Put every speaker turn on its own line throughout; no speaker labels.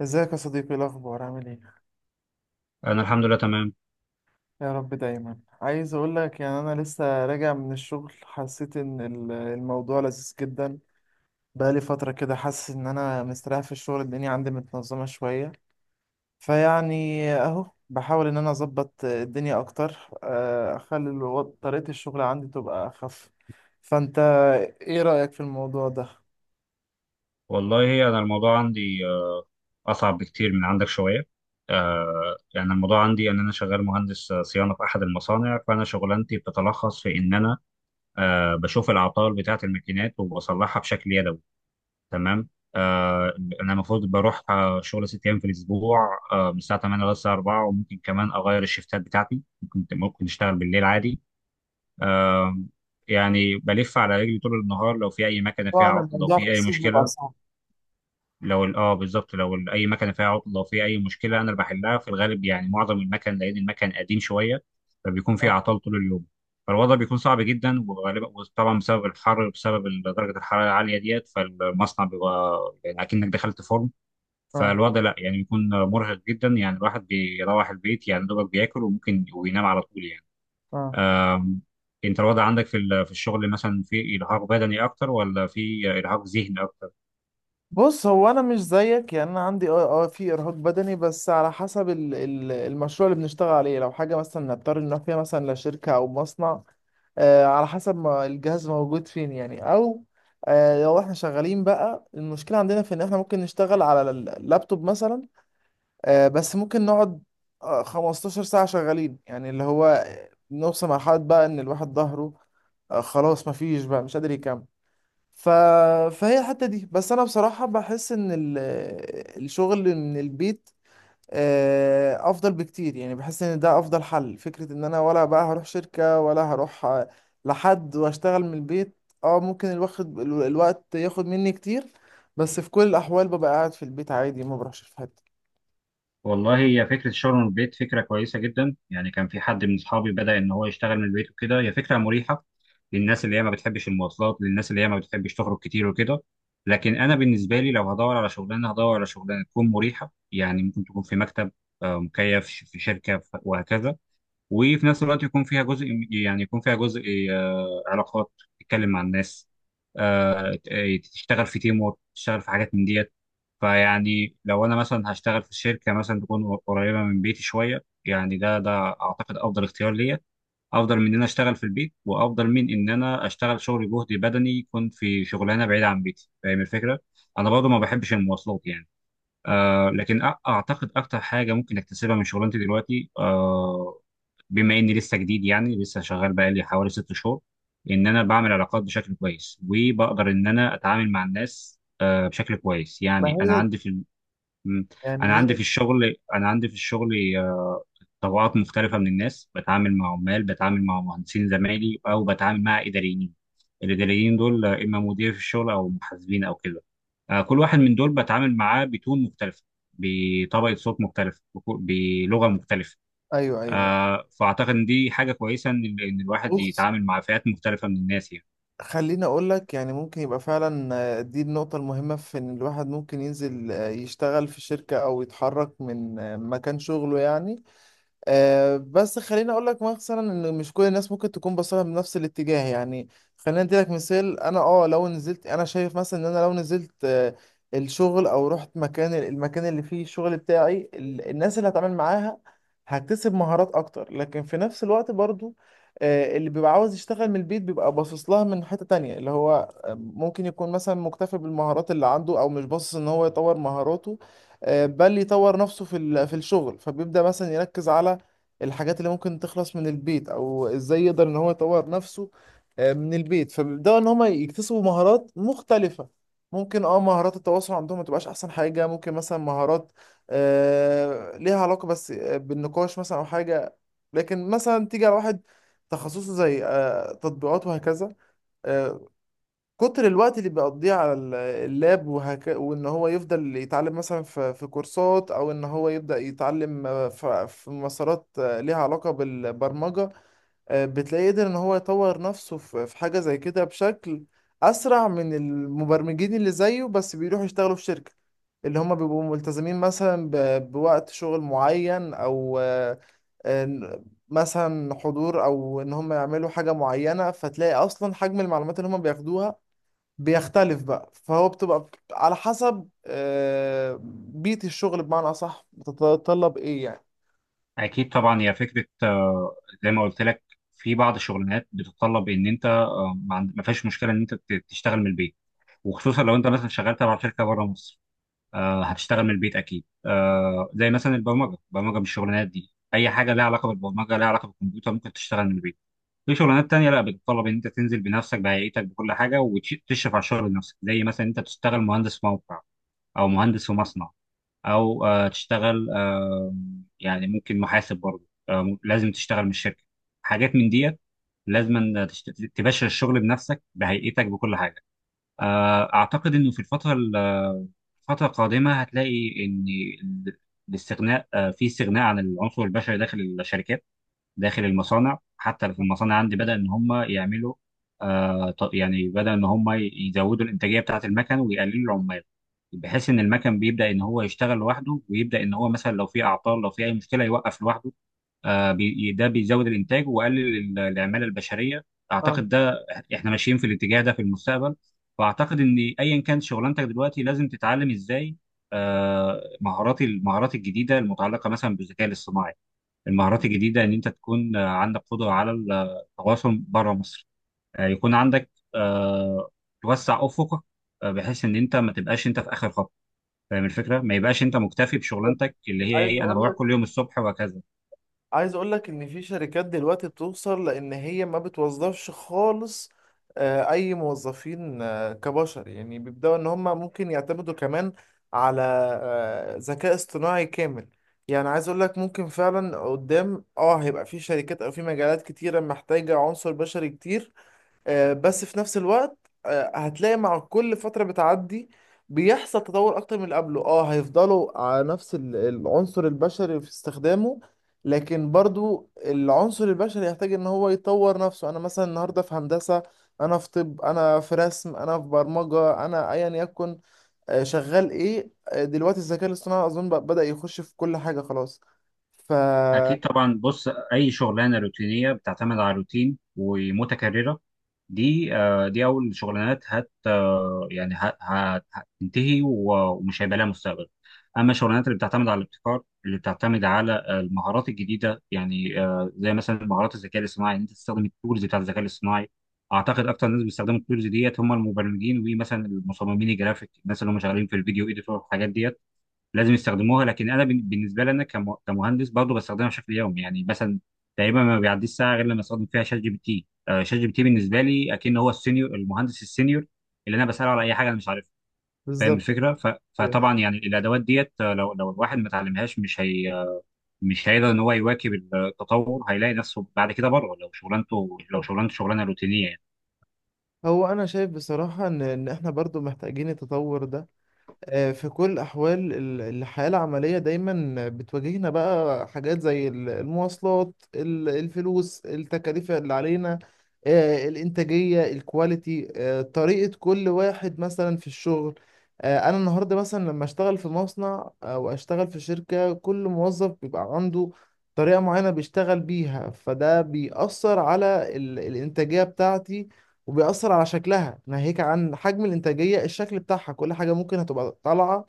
ازيك يا صديقي؟ إيه الاخبار؟ عامل ايه؟
انا الحمد لله تمام.
يا رب. دايما عايز اقول لك، يعني انا لسه راجع من الشغل، حسيت ان الموضوع لذيذ جدا. بقالي فتره كده حاسس ان انا مستريح في الشغل، الدنيا عندي متنظمه شويه. فيعني اهو بحاول ان انا اظبط الدنيا اكتر، اخلي طريقه الشغل عندي تبقى اخف. فانت ايه رايك في الموضوع ده؟
والله انا الموضوع عندي اصعب بكتير من عندك شويه. يعني الموضوع عندي ان انا شغال مهندس صيانه في احد المصانع، فانا شغلانتي بتتلخص في ان انا بشوف العطال بتاعه الماكينات وبصلحها بشكل يدوي. تمام. آه، انا المفروض بروح شغل 6 ايام في الاسبوع، من الساعه 8 لغايه الساعه 4، وممكن كمان اغير الشفتات بتاعتي. ممكن ممكن اشتغل بالليل عادي. آه، يعني بلف على رجلي طول النهار لو في اي مكنه فيها
طبعا
عطل لو
الموضوع في
في اي
الصيف بيبقى
مشكله.
صعب.
لو ال- اه بالظبط، لو اي مكنه فيها عطل لو في اي مشكله، انا اللي بحلها في الغالب، يعني معظم المكن لان المكن قديم شويه، فبيكون فيه
اه،
اعطال طول اليوم. فالوضع بيكون صعب جدا، وغالبا وطبعا بسبب الحر وبسبب درجه الحراره العاليه ديت، فالمصنع بيبقى يعني اكنك دخلت فرن.
اه.
فالوضع لا يعني بيكون مرهق جدا، يعني الواحد بيروح البيت يعني دوبك بياكل وممكن وينام على طول يعني.
آه.
أم، انت الوضع عندك في في الشغل مثلا، في ارهاق بدني اكتر ولا في ارهاق ذهني اكتر؟
بص، هو انا مش زيك، يعني انا عندي في ارهاق بدني، بس على حسب ال المشروع اللي بنشتغل عليه. لو حاجه مثلا نضطر نروح فيها مثلا لشركه او مصنع. على حسب ما الجهاز موجود فين، يعني. او لو احنا شغالين بقى، المشكله عندنا في ان احنا ممكن نشتغل على اللابتوب مثلا. بس ممكن نقعد 15 ساعه شغالين، يعني اللي هو نوصل مرحله بقى ان الواحد ظهره خلاص، مفيش بقى، مش قادر يكمل. ف... فهي الحتة دي، بس أنا بصراحة بحس إن الشغل من البيت أفضل بكتير. يعني بحس إن ده أفضل حل، فكرة إن أنا ولا بقى هروح شركة ولا هروح لحد، وأشتغل من البيت. ممكن الواخد الوقت ياخد مني كتير، بس في كل الأحوال ببقى قاعد في البيت عادي، ما بروحش في حتة.
والله هي فكرة الشغل من البيت فكرة كويسة جدا، يعني كان في حد من أصحابي بدأ إن هو يشتغل من البيت وكده، هي فكرة مريحة للناس اللي هي ما بتحبش المواصلات، للناس اللي هي ما بتحبش تخرج كتير وكده. لكن أنا بالنسبة لي لو هدور على شغلانة، هدور على شغلانة تكون مريحة، يعني ممكن تكون في مكتب مكيف، في شركة وهكذا. وفي نفس الوقت يكون فيها جزء، يعني يكون فيها جزء علاقات، تتكلم مع الناس، تشتغل في تيم وورك، تشتغل في حاجات من ديت. فيعني لو انا مثلا هشتغل في شركه مثلا تكون قريبه من بيتي شويه، يعني ده ده اعتقد افضل اختيار ليا. افضل من ان انا اشتغل في البيت، وافضل من ان انا اشتغل شغل جهد بدني، يكون في شغلانه بعيده عن بيتي. فاهم الفكره؟ انا برضو ما بحبش المواصلات يعني. اعتقد اكتر حاجه ممكن اكتسبها من شغلانتي دلوقتي بما اني لسه جديد، يعني لسه شغال بقالي حوالي 6 شهور، ان انا بعمل علاقات بشكل كويس وبقدر ان انا اتعامل مع الناس بشكل كويس،
ما
يعني انا
هي
عندي في م-
يعني هي
الشغل، طبقات مختلفة من الناس، بتعامل مع عمال، بتعامل مع مهندسين زمايلي، أو بتعامل مع إداريين. الإداريين دول إما مدير في الشغل أو محاسبين أو كده. كل واحد من دول بتعامل معاه بتون مختلفة، بطبقة صوت مختلفة، بلغة مختلفة.
أيوه، أيوه.
فأعتقد إن دي حاجة كويسة، إن الواحد
بص،
يتعامل مع فئات مختلفة من الناس يعني.
خليني اقول لك، يعني ممكن يبقى فعلا، دي النقطة المهمة في ان الواحد ممكن ينزل، يشتغل في شركة او يتحرك من مكان شغله، يعني. بس خليني اقول لك مثلا ان مش كل الناس ممكن تكون باصه بنفس الاتجاه، يعني. خليني ادي لك مثال، انا لو نزلت، انا شايف مثلا ان انا لو نزلت الشغل او رحت المكان اللي فيه الشغل بتاعي، الناس اللي هتعامل معاها هكتسب مهارات اكتر. لكن في نفس الوقت برضو اللي بيبقى عاوز يشتغل من البيت بيبقى باصص لها من حتة تانية، اللي هو ممكن يكون مثلا مكتفي بالمهارات اللي عنده، او مش باصص ان هو يطور مهاراته، بل يطور نفسه في الشغل. فبيبدأ مثلا يركز على الحاجات اللي ممكن تخلص من البيت، او ازاي يقدر ان هو يطور نفسه من البيت. فبيبداوا ان هم يكتسبوا مهارات مختلفة، ممكن مهارات التواصل عندهم ما تبقاش احسن حاجة. ممكن مثلا مهارات ليها علاقة بس بالنقاش مثلا، او حاجة. لكن مثلا تيجي على واحد تخصصه زي تطبيقات وهكذا، آه، كتر الوقت اللي بيقضيه على اللاب وان هو يفضل يتعلم مثلا في كورسات، او ان هو يبدأ يتعلم في مسارات ليها علاقة بالبرمجة. بتلاقيه قدر ان هو يطور نفسه في حاجة زي كده بشكل اسرع من المبرمجين اللي زيه، بس بيروحوا يشتغلوا في شركة، اللي هم بيبقوا ملتزمين مثلا بوقت شغل معين، او آه، مثلا حضور، او ان هم يعملوا حاجة معينة. فتلاقي اصلا حجم المعلومات اللي هم بياخدوها بيختلف بقى، فهو بتبقى على حسب بيئة الشغل، بمعنى أصح بتتطلب إيه، يعني.
أكيد طبعا، هي فكرة زي ما قلت لك، في بعض الشغلانات بتتطلب إن أنت ما فيهاش مشكلة إن أنت تشتغل من البيت، وخصوصا لو انت مثلا شغال تبع شركه بره مصر. هتشتغل من البيت اكيد، زي مثلا البرمجه، من الشغلانات دي اي حاجه لها علاقه بالبرمجه، لها علاقه بالكمبيوتر، ممكن تشتغل من البيت. في شغلانات تانية لا، بتتطلب ان انت تنزل بنفسك بهيئتك بكل حاجه وتشرف على الشغل بنفسك، زي مثلا انت تشتغل مهندس موقع، او مهندس في مصنع، او آه تشتغل آه يعني ممكن محاسب برضه، لازم تشتغل من الشركه، حاجات من ديت. لازم تباشر الشغل بنفسك بهيئتك بكل حاجه. أعتقد إنه في الفترة القادمة هتلاقي إن ال- الاستغناء، في استغناء عن العنصر البشري داخل الشركات، داخل المصانع. حتى في المصانع عندي بدأ إن هم يعملوا يعني بدأ إن هم يزودوا الإنتاجية بتاعة المكن ويقللوا العمال، بحيث إن المكن بيبدأ إن هو يشتغل لوحده، ويبدأ إن هو مثلا لو في أعطال لو في أي مشكلة يوقف لوحده. ده بيزود الانتاج وقلل العماله البشريه.
اه
اعتقد ده، احنا ماشيين في الاتجاه ده في المستقبل. واعتقد ان ايا كان شغلانتك دلوقتي لازم تتعلم ازاي آه، مهارات المهارات الجديده المتعلقه مثلا بالذكاء الاصطناعي. المهارات الجديده ان انت تكون عندك قدره على التواصل بره مصر، يكون عندك توسع افقك، بحيث ان انت ما تبقاش انت في اخر خط. فاهم الفكره؟ ما يبقاش انت مكتفي بشغلانتك اللي هي
عايز
ايه، انا
اقول
بروح
لك
كل يوم الصبح وهكذا.
عايز اقول لك، ان في شركات دلوقتي بتوصل لان هي ما بتوظفش خالص اي موظفين، كبشر، يعني بيبداوا ان هم ممكن يعتمدوا كمان على ذكاء اصطناعي كامل. يعني عايز اقول لك، ممكن فعلا قدام هيبقى في شركات او في مجالات كتيرة محتاجة عنصر بشري كتير، بس في نفس الوقت هتلاقي مع كل فترة بتعدي بيحصل تطور أكتر من اللي قبله. اه هيفضلوا على نفس العنصر البشري في استخدامه، لكن برضو العنصر البشري يحتاج ان هو يطور نفسه. انا مثلا النهاردة في هندسة، انا في طب، انا في رسم، انا في برمجة، انا ايا يكن شغال ايه، دلوقتي الذكاء الاصطناعي اظن بدأ يخش في كل حاجة خلاص. ف
أكيد طبعا، بص، أي شغلانة روتينية بتعتمد على روتين ومتكررة، دي دي أول شغلانات هت آه، يعني هتنتهي ومش هيبقى لها مستقبل. أما الشغلانات اللي بتعتمد على الابتكار، اللي بتعتمد على المهارات الجديدة، يعني زي مثلا مهارات الذكاء الاصطناعي، إن أنت تستخدم التولز بتاع الذكاء الاصطناعي. أعتقد أكتر ناس بيستخدموا التولز ديت هم المبرمجين، ومثلا المصممين الجرافيك، الناس اللي هم شغالين في الفيديو إيديتور والحاجات ديت، لازم يستخدموها. لكن انا بالنسبه لي انا كمهندس برضه بستخدمها بشكل يومي، يعني مثلا تقريبا ما بيعديش ساعه غير لما استخدم فيها شات جي بي تي. شات جي بي تي بالنسبه لي اكن هو السينيور، المهندس السينيور اللي انا بساله على اي حاجه انا مش عارفها. فاهم
بالظبط.
الفكره؟ فطبعا يعني الادوات ديت، لو لو الواحد ما اتعلمهاش، مش هي مش هيقدر ان هو يواكب التطور، هيلاقي نفسه بعد كده بره. لو شغلانته، شغلانه روتينيه يعني.
هو انا شايف بصراحة ان احنا برضو محتاجين التطور ده. في كل الاحوال الحياة العملية دايما بتواجهنا بقى حاجات زي المواصلات، الفلوس، التكاليف اللي علينا، الانتاجية، الكواليتي، طريقة كل واحد مثلا في الشغل. انا النهاردة مثلا لما اشتغل في مصنع او اشتغل في شركة، كل موظف بيبقى عنده طريقة معينة بيشتغل بيها، فده بيأثر على الانتاجية بتاعتي، وبيأثر على شكلها. ناهيك عن حجم الإنتاجية، الشكل بتاعها، كل حاجة ممكن هتبقى طالعة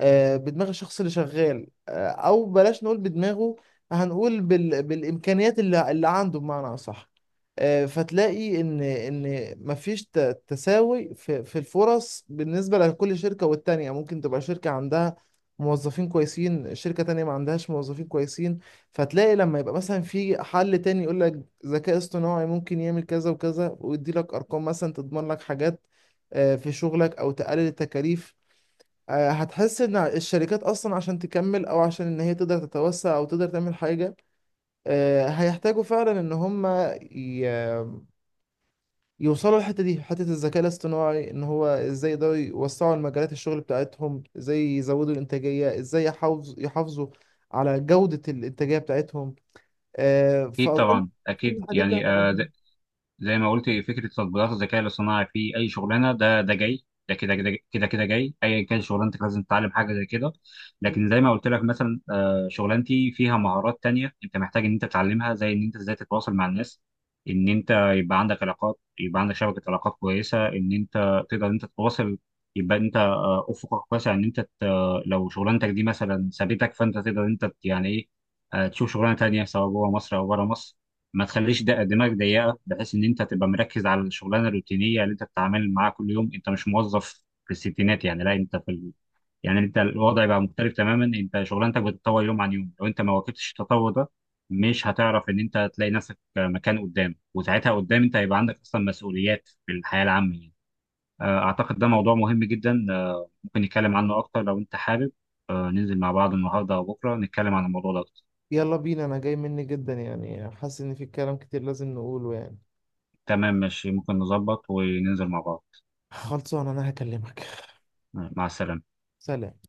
بدماغ الشخص اللي شغال، أو بلاش نقول بدماغه، هنقول بالإمكانيات اللي عنده، بمعنى أصح. فتلاقي إن مفيش تساوي في الفرص بالنسبة لكل شركة. والتانية ممكن تبقى شركة عندها موظفين كويسين، شركة تانية ما عندهاش موظفين كويسين. فتلاقي لما يبقى مثلا في حل تاني يقول لك ذكاء اصطناعي ممكن يعمل كذا وكذا، ويدي لك ارقام مثلا تضمن لك حاجات في شغلك او تقلل التكاليف. هتحس ان الشركات اصلا عشان تكمل، او عشان ان هي تقدر تتوسع او تقدر تعمل حاجة، هيحتاجوا فعلا ان هم ي- يوصلوا الحتة دي، حتة الذكاء الاصطناعي، ان هو ازاي يقدروا يوسعوا المجالات الشغل بتاعتهم، ازاي يزودوا الانتاجية، ازاي يحافظوا على جودة الانتاجية بتاعتهم.
اكيد
فأظن
طبعا،
كل
اكيد
الحاجات دي
يعني،
هتبقى مهمة.
زي ما قلت فكره تطبيقات الذكاء الاصطناعي في اي شغلانه، ده ده جاي، ده كده كده كده كده جاي، ايا كان شغلانتك لازم تتعلم حاجه زي كده. لكن زي ما قلت لك مثلا، شغلانتي فيها مهارات تانية انت محتاج ان انت تتعلمها، زي ان انت ازاي تتواصل مع الناس، ان انت يبقى عندك علاقات، يبقى عندك شبكه علاقات كويسه، ان انت تقدر ان انت تتواصل. يبقى انت افقك واسع، ان انت لو شغلانتك دي مثلا سابتك، فانت تقدر ان انت، يعني ايه، تشوف شغلانه تانية سواء جوه مصر او بره مصر. ما تخليش دماغك ضيقه، بحيث ان انت تبقى مركز على الشغلانه الروتينيه اللي انت بتتعامل معاها كل يوم. انت مش موظف في الستينات يعني، لا، انت في يعني انت الوضع بقى مختلف تماما، انت شغلانتك بتتطور يوم عن يوم. لو انت ما واكبتش التطور ده، مش هتعرف ان انت تلاقي نفسك مكان قدام، وساعتها قدام انت هيبقى عندك اصلا مسؤوليات في الحياه العامه يعني. اعتقد ده موضوع مهم جدا، ممكن نتكلم عنه اكتر لو انت حابب، ننزل مع بعض النهارده او بكره نتكلم عن الموضوع ده أكتر.
يلا بينا، انا جاي مني جدا، يعني حاسس ان في كلام كتير لازم نقوله، يعني.
تمام، ماشي، ممكن نظبط وننزل مع بعض.
خلصان، انا هكلمك.
مع السلامه.
سلام.